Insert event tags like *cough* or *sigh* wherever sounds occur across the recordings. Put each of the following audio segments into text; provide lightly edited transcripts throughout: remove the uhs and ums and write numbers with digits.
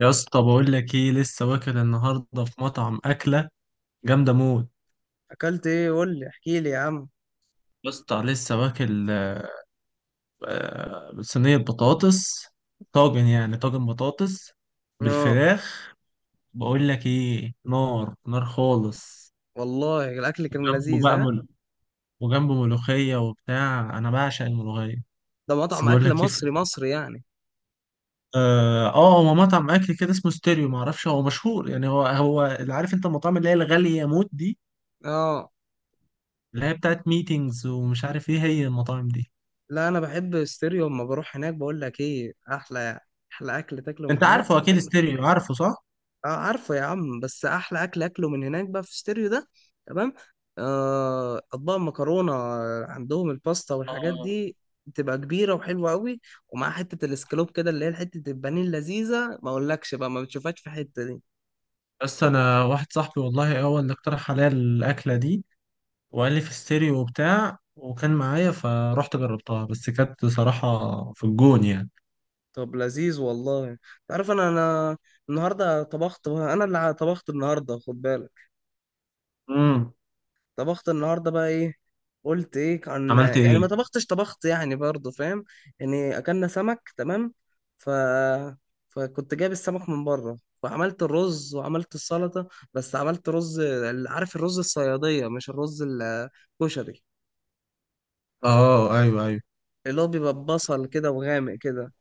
يا اسطى بقول لك ايه، لسه واكل النهارده في مطعم اكله جامده موت. اكلت ايه؟ قول لي، احكي لي يا عم. يا اسطى لسه واكل صينيه بطاطس، طاجن، يعني طاجن بطاطس اه، بالفراخ. بقول لك ايه، نار خالص. والله الاكل كان جنبه لذيذ، بقى ها؟ وجنبه ملوخيه وبتاع، انا بعشق الملوخيه. ده بس مطعم بقول اكل لك ايه مصري مصري يعني؟ هو مطعم اكل كده اسمه ستيريو، معرفش هو مشهور يعني، هو اللي عارف انت المطاعم اللي هي الغاليه موت دي، اه، اللي هي بتاعت ميتينجز ومش عارف ايه هي المطاعم دي. لا انا بحب ستيريو، اما بروح هناك بقول لك ايه، احلى اكل تاكله من انت هناك. عارفه اكيد كان ستيريو، عارفه صح؟ اه، عارفه يا عم، بس احلى اكل اكله من هناك بقى في ستيريو ده. تمام. اطباق مكرونه، عندهم الباستا والحاجات اه، دي، بتبقى كبيره وحلوه قوي. ومع حته الاسكالوب كده، اللي هي حته البانيه اللذيذه، ما اقولكش بقى، ما بتشوفهاش في حته دي. بس انا واحد صاحبي والله هو اللي اقترح عليا الاكله دي، وقال لي في ستيريو وبتاع، وكان معايا، فرحت جربتها، بس كانت بصراحه في الجون يعني. طب لذيذ والله. تعرف، انا النهارده طبخت بقى، انا اللي طبخت النهارده، خد بالك. امم، طبخت النهارده بقى ايه؟ قلت ايه عن عملت يعني، ما ايه؟ طبختش، طبخت يعني برضه، فاهم؟ يعني اكلنا سمك، تمام. ف فكنت جايب السمك من بره، وعملت الرز وعملت السلطه. بس عملت رز عارف، الرز الصياديه مش الرز الكشري، اه ايوه ايوه. اللي هو بيبقى ببصل كده وغامق كده،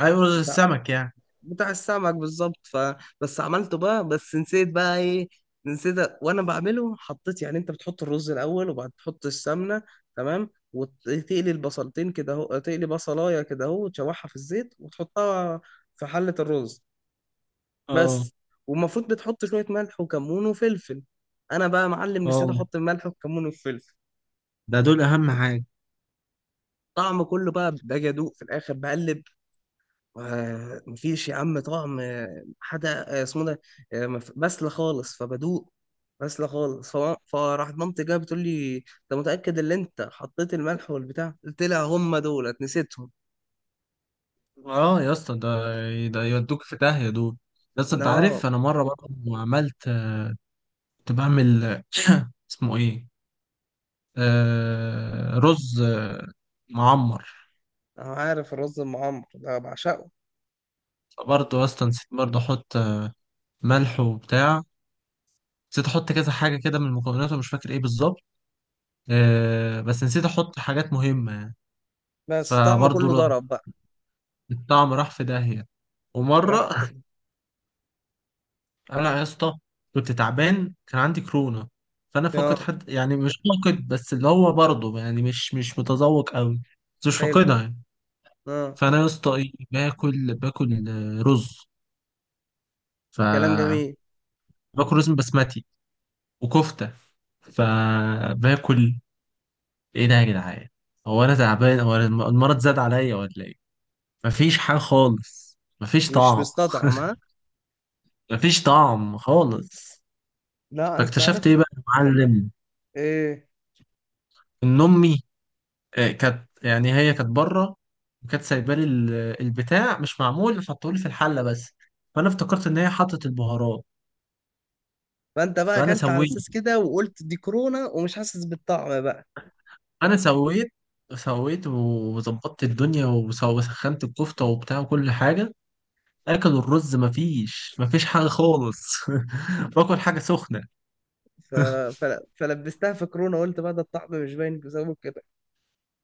ايوه رز السمك يعني. بتاع السمك بالظبط. بس عملته بقى، بس نسيت بقى ايه. نسيت وانا بعمله حطيت يعني، انت بتحط الرز الاول وبعد تحط السمنه، تمام، وتقلي البصلتين كده اهو، تقلي بصلايه كده اهو، وتشوحها في الزيت وتحطها في حله الرز، اه. بس. والمفروض بتحط شويه ملح وكمون وفلفل. انا بقى يا معلم نسيت اه، احط الملح والكمون والفلفل. ده دول اهم حاجه. طعم كله بقى، باجي ادوق في الاخر بقلب، مفيش يا عم طعم، حدا، اسمه ده، بسلة خالص، فبدوق. بسلة خالص. فراح مامتي جايه بتقول لي: انت متأكد ان انت حطيت الملح والبتاع؟ قلت لها: هم دولت نسيتهم. اه يا اسطى، ده ده يودوك في داهيه دول. بس انت لا، عارف، انا مره برضه عملت، كنت بعمل *coughs* *clears throat* اسمه ايه، آه، رز معمر. انا عارف الرز المعمر ده بعشقه. برضه اصلا نسيت برضه احط ملح وبتاع، نسيت احط كذا حاجه كده من المكونات، ومش فاكر ايه بالظبط، آه بس نسيت احط حاجات مهمه يعني. بس طعمه فبرضه كله ر- ضرب بقى. الطعم راح في داهيه. راح ومره *laughs* انا يا اسطى كنت تعبان، كان عندي كورونا، فانا فاقد اه، حد يعني، مش فاقد بس اللي هو برضه يعني مش متذوق قوي، بس مش حلو. فاقدها يعني. اه، فانا يا اسطى ايه، باكل رز، ف كلام جميل. باكل رز بسمتي وكفته، فباكل، ايه ده يا جدعان؟ هو انا تعبان، هو أنا المرض زاد عليا ولا ايه؟ مفيش حاجه خالص، مفيش مش طعم. مستطعم، ها؟ مفيش طعم خالص. لا، انت فاكتشفت عارف ايه بقى يا معلم، ايه، ان امي كانت يعني، هي كانت بره، وكانت سايبه لي البتاع مش معمول، حطولي في الحله بس، فانا افتكرت ان هي حطت البهارات. فانت بقى فانا اكلت على سويت اساس كده وقلت دي كورونا ومش حاسس بالطعم بقى. انا سويت سويت وظبطت الدنيا، وسخنت الكفته وبتاع وكل حاجه، اكلوا الرز، مفيش حاجه خالص. *laughs* باكل حاجه سخنه. ف... فلبستها في كورونا، قلت بقى ده الطعم مش باين بسبب كده.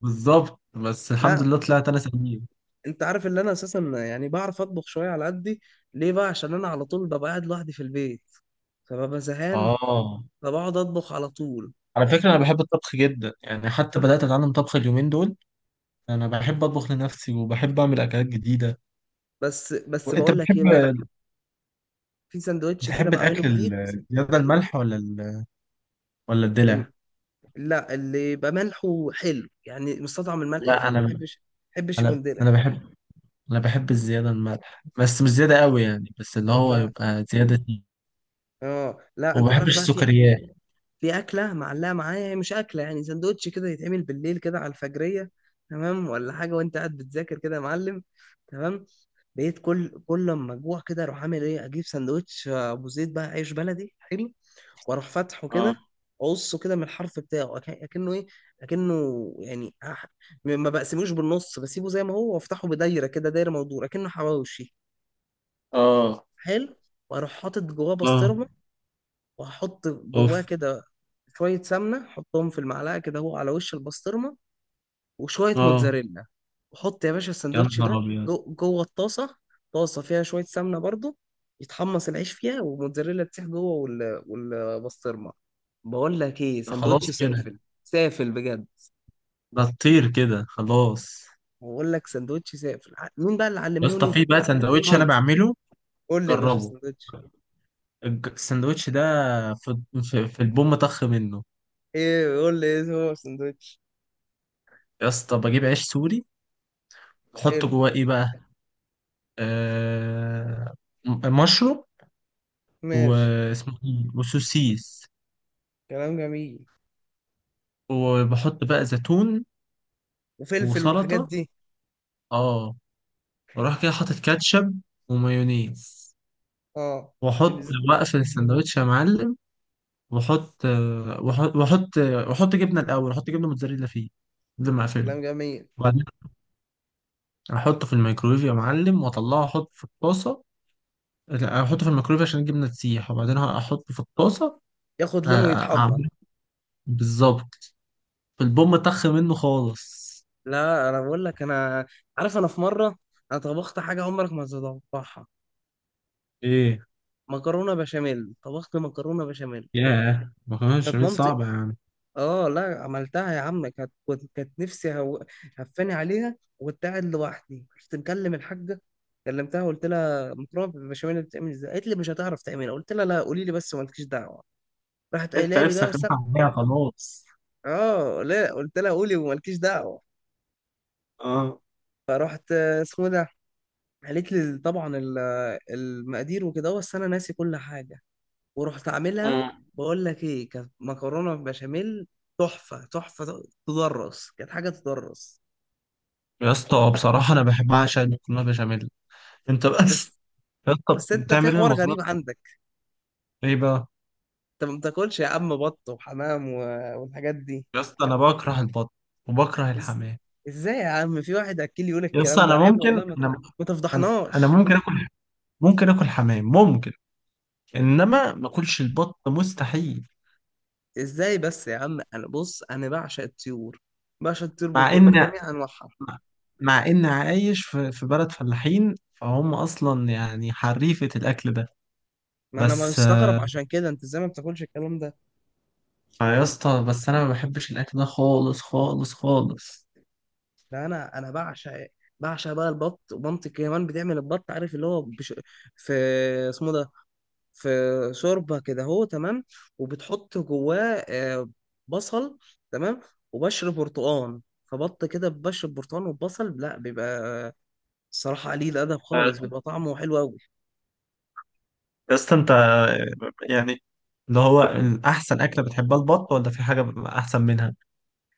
بالظبط، بس الحمد لا، لله طلعت انا سليم. انت عارف ان انا اساسا يعني بعرف اطبخ شويه على قدي. ليه بقى؟ عشان انا على طول ببقى قاعد لوحدي في البيت، فببقى زهقان، اه، فبقعد اطبخ على طول. على فكره انا بحب الطبخ جدا يعني، حتى بدات اتعلم طبخ اليومين دول. انا بحب اطبخ لنفسي، وبحب اعمل اكلات جديده. بس وانت بقول لك ايه بتحب، بقى، في سندوتش كده بتحب بعمله الاكل جديد. الزياده الملح ولا ولا الدلع؟ الم- لا، اللي يبقى ملحه حلو يعني، مستطعم الملح لا فيه، ما انا، احبش ما احبش انا يكون دلع، انا بحب، انا بحب الزياده الملح، بس مش زياده قوي يعني، بس اللي هو ده. يبقى زياده. اه، لا وما انت عارف بحبش بقى، في السكريات. في اكله معلقه معايا، هي مش اكله يعني، سندوتش كده يتعمل بالليل كده على الفجريه، تمام ولا حاجه، وانت قاعد بتذاكر كده يا معلم، تمام. بقيت كل لما اجوع كده اروح عامل ايه، اجيب سندوتش ابو زيت بقى، عيش بلدي حلو. واروح فاتحه اه. كده، اقصه كده من الحرف بتاعه، اكنه ايه، اكنه يعني، ما بقسموش بالنص، بسيبه زي ما هو، وافتحه بدايره كده، دايره مدوره اكنه حواوشي. اه. حلو. واروح حاطط جواه اه. بسطرمه، وهحط جواه اوف. كده شوية سمنة، حطهم في المعلقة كده هو على وش البسطرمة، وشوية اه. موتزاريلا. وحط يا باشا يا السندوتش نهار ده ابيض. جوه الطاسة، طاسة فيها شوية سمنة برضو، يتحمص العيش فيها والموتزاريلا تسيح جوه والبسطرمة. بقول لك ايه، ده سندوتش خلاص *laughs* كده، سافل، سافل بجد. ده تطير كده خلاص. بقول لك سندوتش سافل. مين بقى اللي يا اسطى، علمهوني؟ في بقى سندوتش انا مامتي. بعمله، قول لي يا باشا جربه، سندوتش. السندوتش ده في، في البوم طخ منه. ايه؟ قول لي ايه هو سندوتش. يا اسطى بجيب عيش سوري، بحط حلو. جواه ايه بقى، آه، مشروم، ماشي. واسمه إيه؟ وسوسيس، كلام جميل. وبحط بقى زيتون، وفلفل والحاجات وسلطة. دي. اه، واروح كده حاطط كاتشب ومايونيز، اه، واحط البزيت. بقى في السندوتش يا معلم، واحط واحط جبنه الاول، احط جبنه موتزاريلا فيه قبل ما اقفله، كلام جميل. وبعدين احطه في الميكرويف يا معلم، واطلعه احطه في الطاسه. لا، احطه في الميكرويف عشان الجبنه تسيح، وبعدين احطه في الطاسه. ياخد أ- لون ويتحمر. اعمله بالظبط، البوم طخ منه خالص. لا، انا بقول لك، انا عارف، انا في مره انا طبخت حاجه عمرك ما هتتوقعها. ايه؟ مكرونه بشاميل، طبخت مكرونه بشاميل. ياه، مكرونه كانت بشاميل مامتي، صعبه يعني. اه لا، عملتها يا عم. كانت كانت نفسي هفاني عليها، وكنت قاعد لوحدي، كنت مكلم الحاجه، كلمتها وقلت لها: مكرونه بالبشاميل بتعمل ازاي؟ قالت لي: مش هتعرف تعملها. قلت لها: لا، قولي لي بس ومالكيش دعوه. راحت انت قايله لي نفسك بقى، رايحة عليها خلاص. اه لا قلت لها: قولي ومالكيش دعوه. اه. فرحت، اسمه ده، قالت لي طبعا المقادير وكده، بس انا ناسي كل حاجه. ورحت عاملها. آه. بقول لك ايه، كانت مكرونه بشاميل تحفه تحفه، تدرس، كانت حاجه تدرس. يا اسطى بصراحه انا بحب بعشق المكرونه بشاميل، انت بس بس يا اسطى بس انت في بتعمل ايه حوار المكرونه؟ غريب عندك، ايه بقى؟ انت ما بتاكلش يا عم بط وحمام والحاجات دي. يا اسطى انا بكره البط وبكره إز... الحمام. ازاي يا عم في واحد اكيل يقول يا اسطى الكلام ده؟ انا عيب ممكن والله. انا، ما انا تفضحناش. ممكن اكل، ممكن اكل حمام ممكن، انما ما اكلش البط مستحيل. ازاي بس يا عم؟ انا بص، انا بعشق الطيور، بعشق الطيور مع ان بجميع انواعها. مع ان عايش في في بلد فلاحين، فهم اصلا يعني حريفة الاكل ده. ما انا بس مستغرب عشان كده، انت ازاي ما بتاكلش الكلام ده؟ فيا اسطى بس انا ما بحبش الاكل ده خالص خالص خالص. ده انا بعشق بقى البط، ومامتي كمان بتعمل البط، عارف اللي هو في، اسمه ده، في شوربه كده هو، تمام. وبتحط جواه بصل، تمام، وبشر برتقان، فبط كده ببشر برتقان وبصل، لا بيبقى، الصراحه قليل الادب خالص، آه، بيبقى طعمه حلو قوي. يا اسطى انت يعني اللي هو احسن اكله بتحبها البط، ولا في حاجه احسن منها؟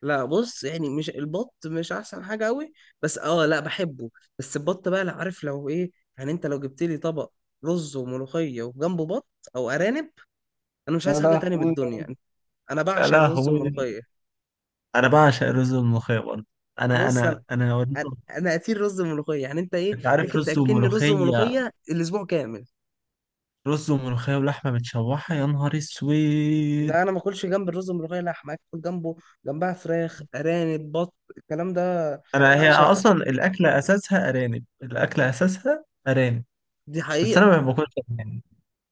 لا بص يعني، مش البط مش احسن حاجه قوي، بس اه، لا بحبه. بس البط بقى، لا عارف لو ايه، يعني انت لو جبت لي طبق رز وملوخيه وجنبه بط او ارانب، انا مش عايز يا حاجه تانية من لهوي. الدنيا. انا يا بعشق الرز لهوي، والملوخيه. انا بعشق رز الملوخيه برضه. انا بص انا، انا انا هوريك. أنا قتيل رز وملوخيه، يعني انت ايه، انت عارف، ممكن رز تاكلني رز وملوخيه، وملوخيه الاسبوع كامل. رز وملوخيه ولحمه متشوحه، يا نهار اسود. لا، انا ما اكلش جنب الرز والملوخيه لحمه، اكل جنبه، جنبها فراخ، ارانب، بط، الكلام ده انا هي بعشقه، اصلا الاكله اساسها ارانب الاكله اساسها ارانب. دي بس انا ما حقيقه. باكلش ارانب.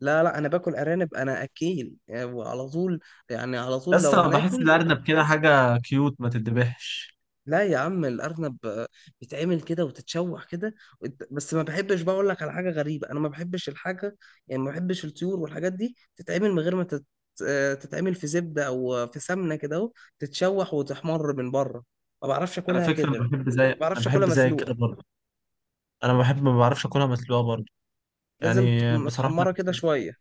لا، لا، انا باكل ارانب، انا اكيل يعني، وعلى طول. يعني على طول بس لو أنا بحس هناكل. الارنب كده حاجه كيوت، ما تتذبحش. لا يا عم، الارنب بيتعمل كده وتتشوح كده بس ما بحبش بقى. اقول لك على حاجه غريبه، انا ما بحبش الحاجه، يعني ما بحبش الطيور والحاجات دي تتعمل من غير ما تتعمل في زبده او في سمنه كده اهو، تتشوح وتحمر من بره. ما بعرفش على اكلها فكره كده، انا ما بحب زي، انا بعرفش اكلها بحب زي كده مسلوقه، برضه. انا بحب، ما بعرفش اكلها مسلوقه برضه، لازم يعني تكون بصراحه متحمره كده شويه.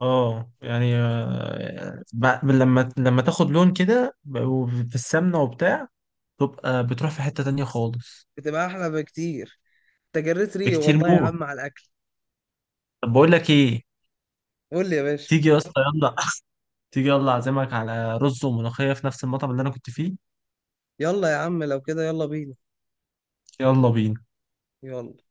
اه يعني، لما تاخد لون كده وفي السمنه وبتاع، تبقى بتروح في حته تانية خالص. بتبقى احلى بكتير. انت جريت ريقي بكتير والله يا موت. عم على الاكل. طب بقول لك ايه، قول لي يا باشا. تيجي يا اسطى، يلا *laughs* تيجي يلا، اعزمك على رز وملوخيه في نفس المطعم اللي انا كنت فيه. يلا يا عم، لو كده يلا بينا. يلا بينا. يلا.